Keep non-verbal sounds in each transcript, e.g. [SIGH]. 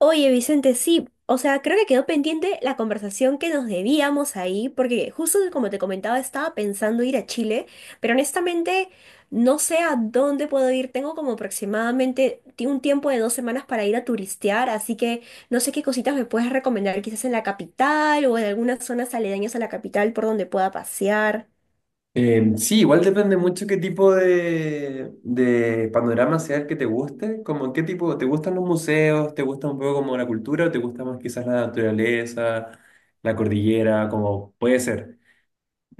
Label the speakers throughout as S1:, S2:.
S1: Oye, Vicente, sí, o sea, creo que quedó pendiente la conversación que nos debíamos ahí, porque justo como te comentaba, estaba pensando ir a Chile, pero honestamente no sé a dónde puedo ir. Tengo como aproximadamente un tiempo de 2 semanas para ir a turistear, así que no sé qué cositas me puedes recomendar, quizás en la capital o en algunas zonas aledañas a la capital por donde pueda pasear.
S2: Sí, igual depende mucho qué tipo de panorama sea el que te guste, como qué tipo, ¿te gustan los museos? ¿Te gusta un poco como la cultura o te gusta más quizás la naturaleza, la cordillera, como puede ser?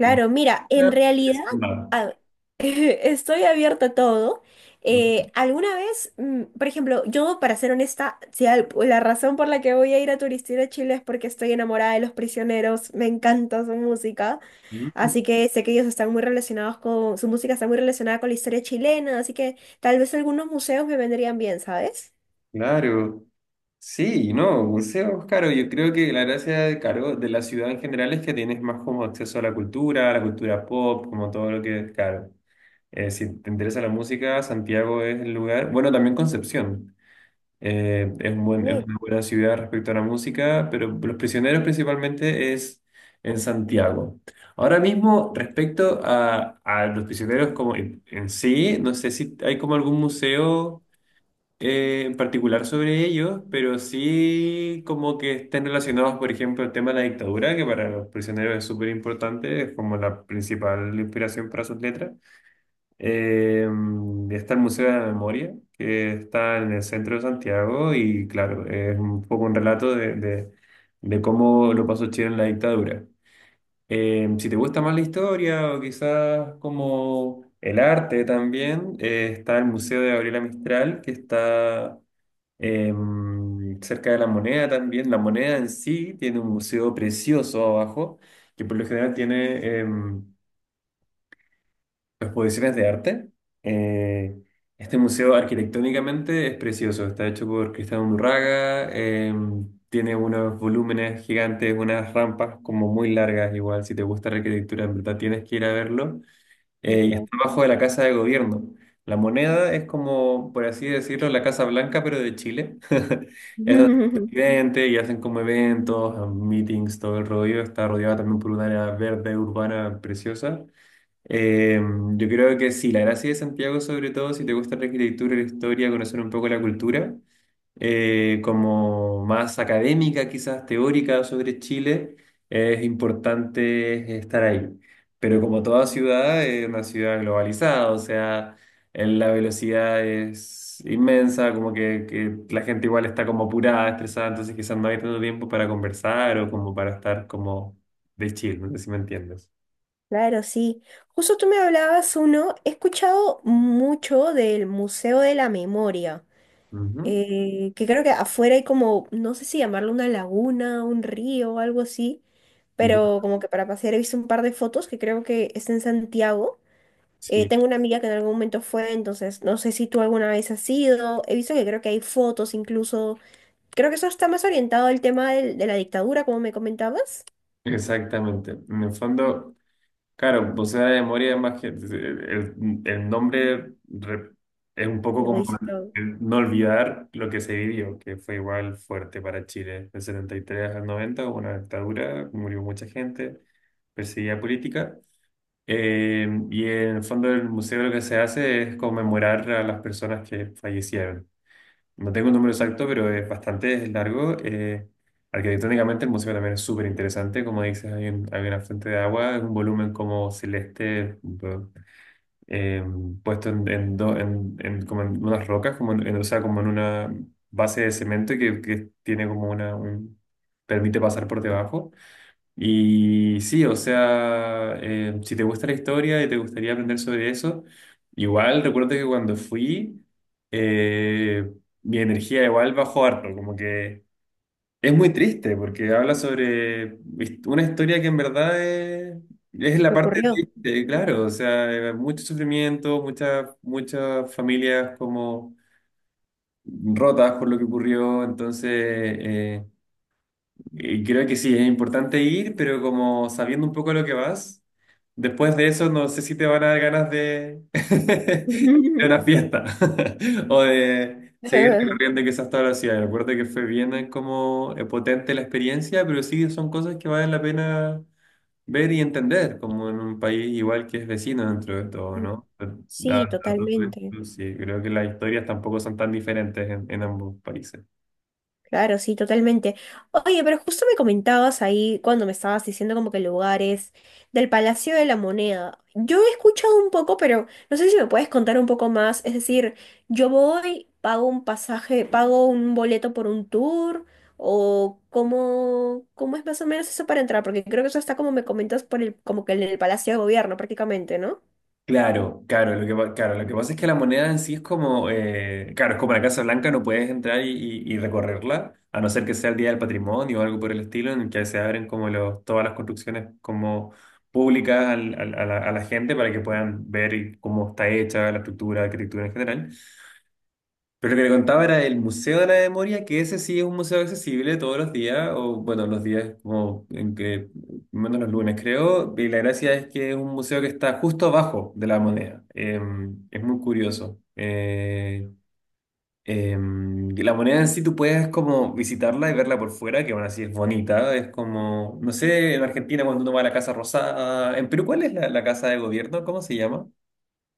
S2: No,
S1: mira, en
S2: puede
S1: realidad
S2: ser nada.
S1: a- [LAUGHS] estoy abierta a todo. Alguna vez, por ejemplo, yo para ser honesta, si al- la razón por la que voy a ir a turistear a Chile es porque estoy enamorada de Los Prisioneros, me encanta su música,
S2: Mm.
S1: así que sé que ellos están muy relacionados con, su música está muy relacionada con la historia chilena, así que tal vez algunos museos me vendrían bien, ¿sabes?
S2: Claro. Sí, no, museos, claro, yo creo que la gracia de, claro, de la ciudad en general es que tienes más como acceso a la cultura pop, como todo lo que, claro. Si te interesa la música, Santiago es el lugar. Bueno, también Concepción. Es un buen- es
S1: Sí,
S2: una buena ciudad respecto a la música, pero Los Prisioneros principalmente es en Santiago. Ahora mismo, respecto a Los Prisioneros como en sí, no sé si hay como algún museo en particular sobre ellos, pero sí como que estén relacionados, por ejemplo, el tema de la dictadura, que para Los Prisioneros es súper importante, es como la principal inspiración para sus letras. Eh, está el Museo de la Memoria, que está en el centro de Santiago y claro, es un poco un relato de de cómo lo pasó Chile en la dictadura. Si te gusta más la historia o quizás como el arte también, está el Museo de Gabriela Mistral, que está eh, cerca de La Moneda también. La Moneda en sí tiene un museo precioso abajo, que por lo general tiene exposiciones de arte. Eh, este museo arquitectónicamente es precioso, está hecho por Cristian Undurraga, tiene unos volúmenes gigantes, unas rampas como muy largas, igual si te gusta la arquitectura, en verdad tienes que ir a verlo.
S1: de
S2: Y
S1: todo.
S2: está bajo de la Casa de Gobierno. La moneda es como, por así decirlo, la Casa Blanca, pero de Chile. [LAUGHS] Es donde está el
S1: [LAUGHS]
S2: presidente y hacen como eventos, meetings, todo el rollo. Está rodeada también por un área verde urbana preciosa. Eh, yo creo que sí, la gracia de Santiago, sobre todo, si te gusta la arquitectura, la historia, conocer un poco la cultura, como más académica, quizás teórica sobre Chile, es importante estar ahí. Pero como toda ciudad, es una ciudad globalizada, o sea, en la velocidad es inmensa, como que la gente igual está como apurada, estresada, entonces quizás no hay tanto tiempo para conversar o como para estar como de chill, no sé si me entiendes.
S1: Claro, sí. Justo tú me hablabas uno, he escuchado mucho del Museo de la Memoria,
S2: Ujú.
S1: que creo que afuera hay como, no sé si llamarlo una laguna, un río o algo así,
S2: Ya.
S1: pero como que para pasear he visto un par de fotos que creo que está en Santiago.
S2: Sí.
S1: Tengo una amiga que en algún momento fue, entonces no sé si tú alguna vez has ido. He visto que creo que hay fotos incluso. Creo que eso está más orientado al tema de la dictadura, como me comentabas.
S2: Exactamente. En el fondo, claro, pulsera de memoria es más que el nombre re- es un poco
S1: Lo
S2: como
S1: dice,
S2: el no olvidar lo que se vivió, que fue igual fuerte para Chile. Del 73 al 90, hubo una dictadura, murió mucha gente, perseguida política. Y en el fondo del museo lo que se hace es conmemorar a las personas que fallecieron. No tengo un número exacto, pero es bastante largo. Arquitectónicamente el museo también es súper interesante. Como dices, hay, un- hay una fuente de agua, es un volumen como celeste eh, puesto en como en unas rocas, como en o sea, como en una base de cemento que tiene como una permite pasar por debajo. Y sí, o sea, si te gusta la historia y te gustaría aprender sobre eso, igual recuerdo que cuando fui, eh, mi energía igual bajó harto, como que es muy triste porque habla sobre hist- una historia que en verdad es la
S1: lo
S2: parte
S1: ocurrió.
S2: triste, claro, o sea, mucho sufrimiento, muchas muchas familias como rotas por lo que ocurrió, entonces... eh, y creo que sí, es importante ir, pero como sabiendo un poco lo que vas, después de eso no sé si te van a dar ganas de, [LAUGHS] de una
S1: [LAUGHS]
S2: fiesta [LAUGHS] o de seguir
S1: [LAUGHS]
S2: recorriendo quizás toda la ciudad. Recuerdo que fue bien como potente la experiencia, pero sí son cosas que valen la pena ver y entender, como en un país igual que es vecino dentro de todo, ¿no? Da-
S1: Sí,
S2: da todo
S1: totalmente.
S2: esto, sí, creo que las historias tampoco son tan diferentes en ambos países.
S1: Claro, sí, totalmente. Oye, pero justo me comentabas ahí cuando me estabas diciendo como que lugares del Palacio de la Moneda. Yo he escuchado un poco, pero no sé si me puedes contar un poco más. Es decir, yo voy, pago un pasaje, pago un boleto por un tour, o cómo, cómo es más o menos eso para entrar, porque creo que eso está como me comentas por el, como que en el Palacio de Gobierno prácticamente, ¿no?
S2: Claro, claro, lo que, pa- claro, lo que pasa es que la moneda en sí es como, claro, es como la Casa Blanca, no puedes entrar y y recorrerla, a no ser que sea el Día del Patrimonio o algo por el estilo, en el que se abren como los, todas las construcciones como públicas al- al- a la gente para que puedan ver y cómo está hecha la estructura, la arquitectura en general. Pero lo que le contaba era el Museo de la Memoria, que ese sí es un museo accesible todos los días, o bueno, los días como en que, menos los lunes creo, y la gracia es que es un museo que está justo abajo de la moneda. Es muy curioso. Eh, y la moneda en sí tú puedes como visitarla y verla por fuera, que aún así es bonita, es como, no sé, en Argentina cuando uno va a la Casa Rosada, en Perú, ¿cuál es la casa de gobierno? ¿Cómo se llama?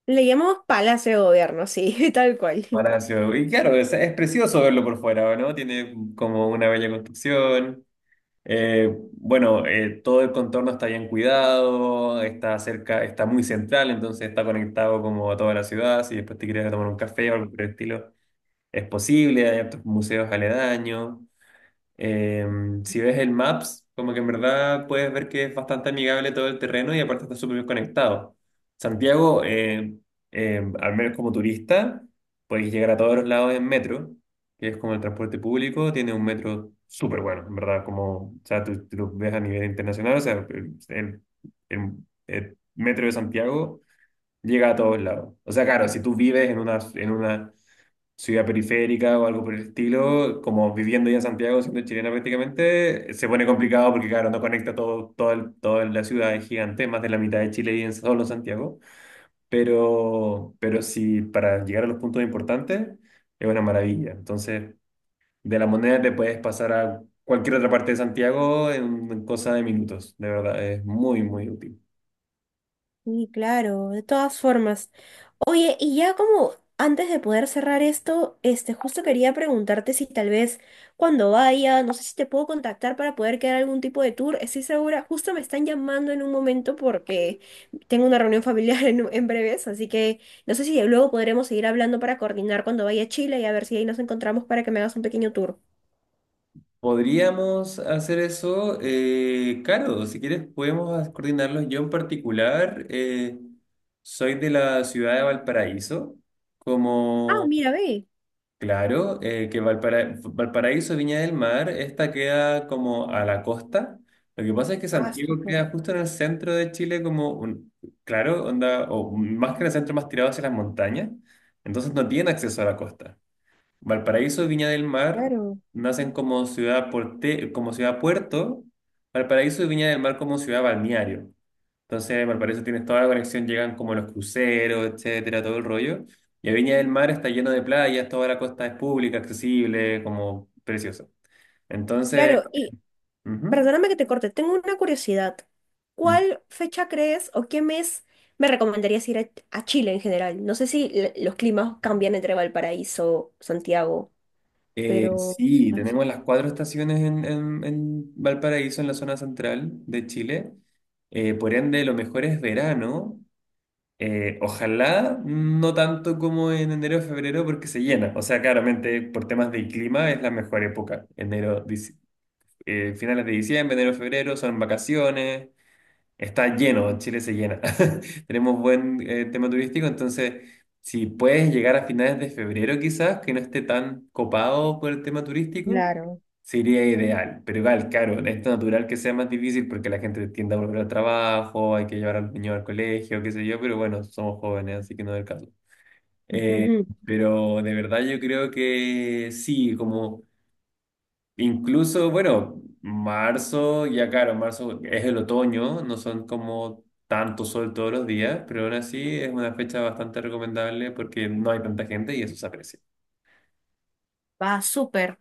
S1: Le llamamos Palacio de Gobierno, sí, [LAUGHS] tal cual.
S2: Palacio. Y claro, es precioso verlo por fuera, ¿no? Tiene como una bella construcción. Bueno, todo el contorno está bien cuidado, está cerca, está muy central, entonces está conectado como a toda la ciudad. Si después te quieres tomar un café o algo por el estilo, es posible. Hay otros museos aledaños. Em, si ves el Maps, como que en verdad puedes ver que es bastante amigable todo el terreno y aparte está súper bien conectado. Santiago, al menos como turista, puedes llegar a todos los lados en metro, que es como el transporte público, tiene un metro súper bueno, en verdad, como, o sea, tú lo ves a nivel internacional, o sea, el- el metro de Santiago llega a todos lados. O sea, claro, si tú vives en una ciudad periférica o algo por el estilo, como viviendo ya en Santiago, siendo chilena prácticamente, se pone complicado porque, claro, no conecta todo, todo el- toda la ciudad, es gigante, más de la mitad de Chile y en solo Santiago. Pero sí, para llegar a los puntos importantes, es una maravilla. Entonces, de La Moneda te puedes pasar a cualquier otra parte de Santiago en cosa de minutos, de verdad, es muy, muy útil.
S1: Sí, claro, de todas formas. Oye, y ya como antes de poder cerrar esto, este, justo quería preguntarte si tal vez cuando vaya, no sé si te puedo contactar para poder quedar algún tipo de tour. Estoy segura, justo me están llamando en un momento porque tengo una reunión [LAUGHS] familiar en breves, así que no sé si luego podremos seguir hablando para coordinar cuando vaya a Chile y a ver si ahí nos encontramos para que me hagas un pequeño tour.
S2: Podríamos hacer eso, claro, si quieres podemos coordinarlo. Yo en particular soy de la ciudad de Valparaíso,
S1: Ah,
S2: como,
S1: mira, ve.
S2: claro, que Valpara- Valparaíso, Viña del Mar, esta queda como a la costa. Lo que pasa es que
S1: Ah,
S2: Santiago
S1: súper,
S2: queda justo en el centro de Chile, como un, claro, onda, o más que en el centro, más tirado hacia las montañas, entonces no tiene acceso a la costa. Valparaíso y Viña del Mar
S1: claro.
S2: nacen como ciudad porte- como ciudad puerto, Valparaíso y Viña del Mar como ciudad balneario. Entonces, Valparaíso tienes toda la conexión, llegan como los cruceros, etcétera, todo el rollo. Y a Viña del Mar está lleno de playas, toda la costa es pública, accesible, como precioso. Entonces,
S1: Claro,
S2: ujú.
S1: perdóname que te corte, tengo una curiosidad.
S2: Mm.
S1: ¿Cuál fecha crees o qué mes me recomendarías ir a Chile en general? No sé si los climas cambian entre Valparaíso, Santiago,
S2: Eh,
S1: pero...
S2: sí,
S1: así.
S2: tenemos las cuatro estaciones en Valparaíso, en la zona central de Chile. Por ende, lo mejor es verano. Ojalá no tanto como en enero o febrero porque se llena. O sea, claramente por temas de clima es la mejor época. Finales de diciembre, enero, febrero son vacaciones. Está lleno, Chile se llena. [LAUGHS] Tenemos buen tema turístico, entonces si puedes llegar a finales de febrero quizás, que no esté tan copado por el tema turístico,
S1: Claro.
S2: sería ideal. Pero igual, claro, es natural que sea más difícil porque la gente tiende a volver al trabajo, hay que llevar al niño al colegio, qué sé yo, pero bueno, somos jóvenes, así que no es el caso. Eh,
S1: [LAUGHS]
S2: pero de verdad yo creo que sí, como... Incluso, bueno, marzo, ya claro, marzo es el otoño, no son como tanto sol todos los días, pero aún así es una fecha bastante recomendable porque no hay tanta gente y eso se aprecia.
S1: Va, súper.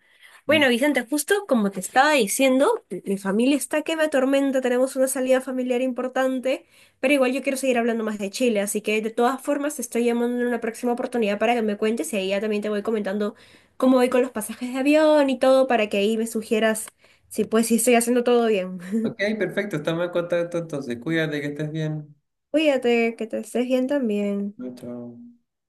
S2: Mm.
S1: Bueno, Vicente, justo como te estaba diciendo, mi familia está que me atormenta, tenemos una salida familiar importante, pero igual yo quiero seguir hablando más de Chile, así que de todas formas te estoy llamando en una próxima oportunidad para que me cuentes y ahí ya también te voy comentando cómo voy con los pasajes de avión y todo para que ahí me sugieras si pues si estoy haciendo todo bien.
S2: Ok,
S1: [LAUGHS]
S2: perfecto, estamos en contacto entonces. Cuídate, que estés bien.
S1: Cuídate, que te estés bien también.
S2: Chao. Chao.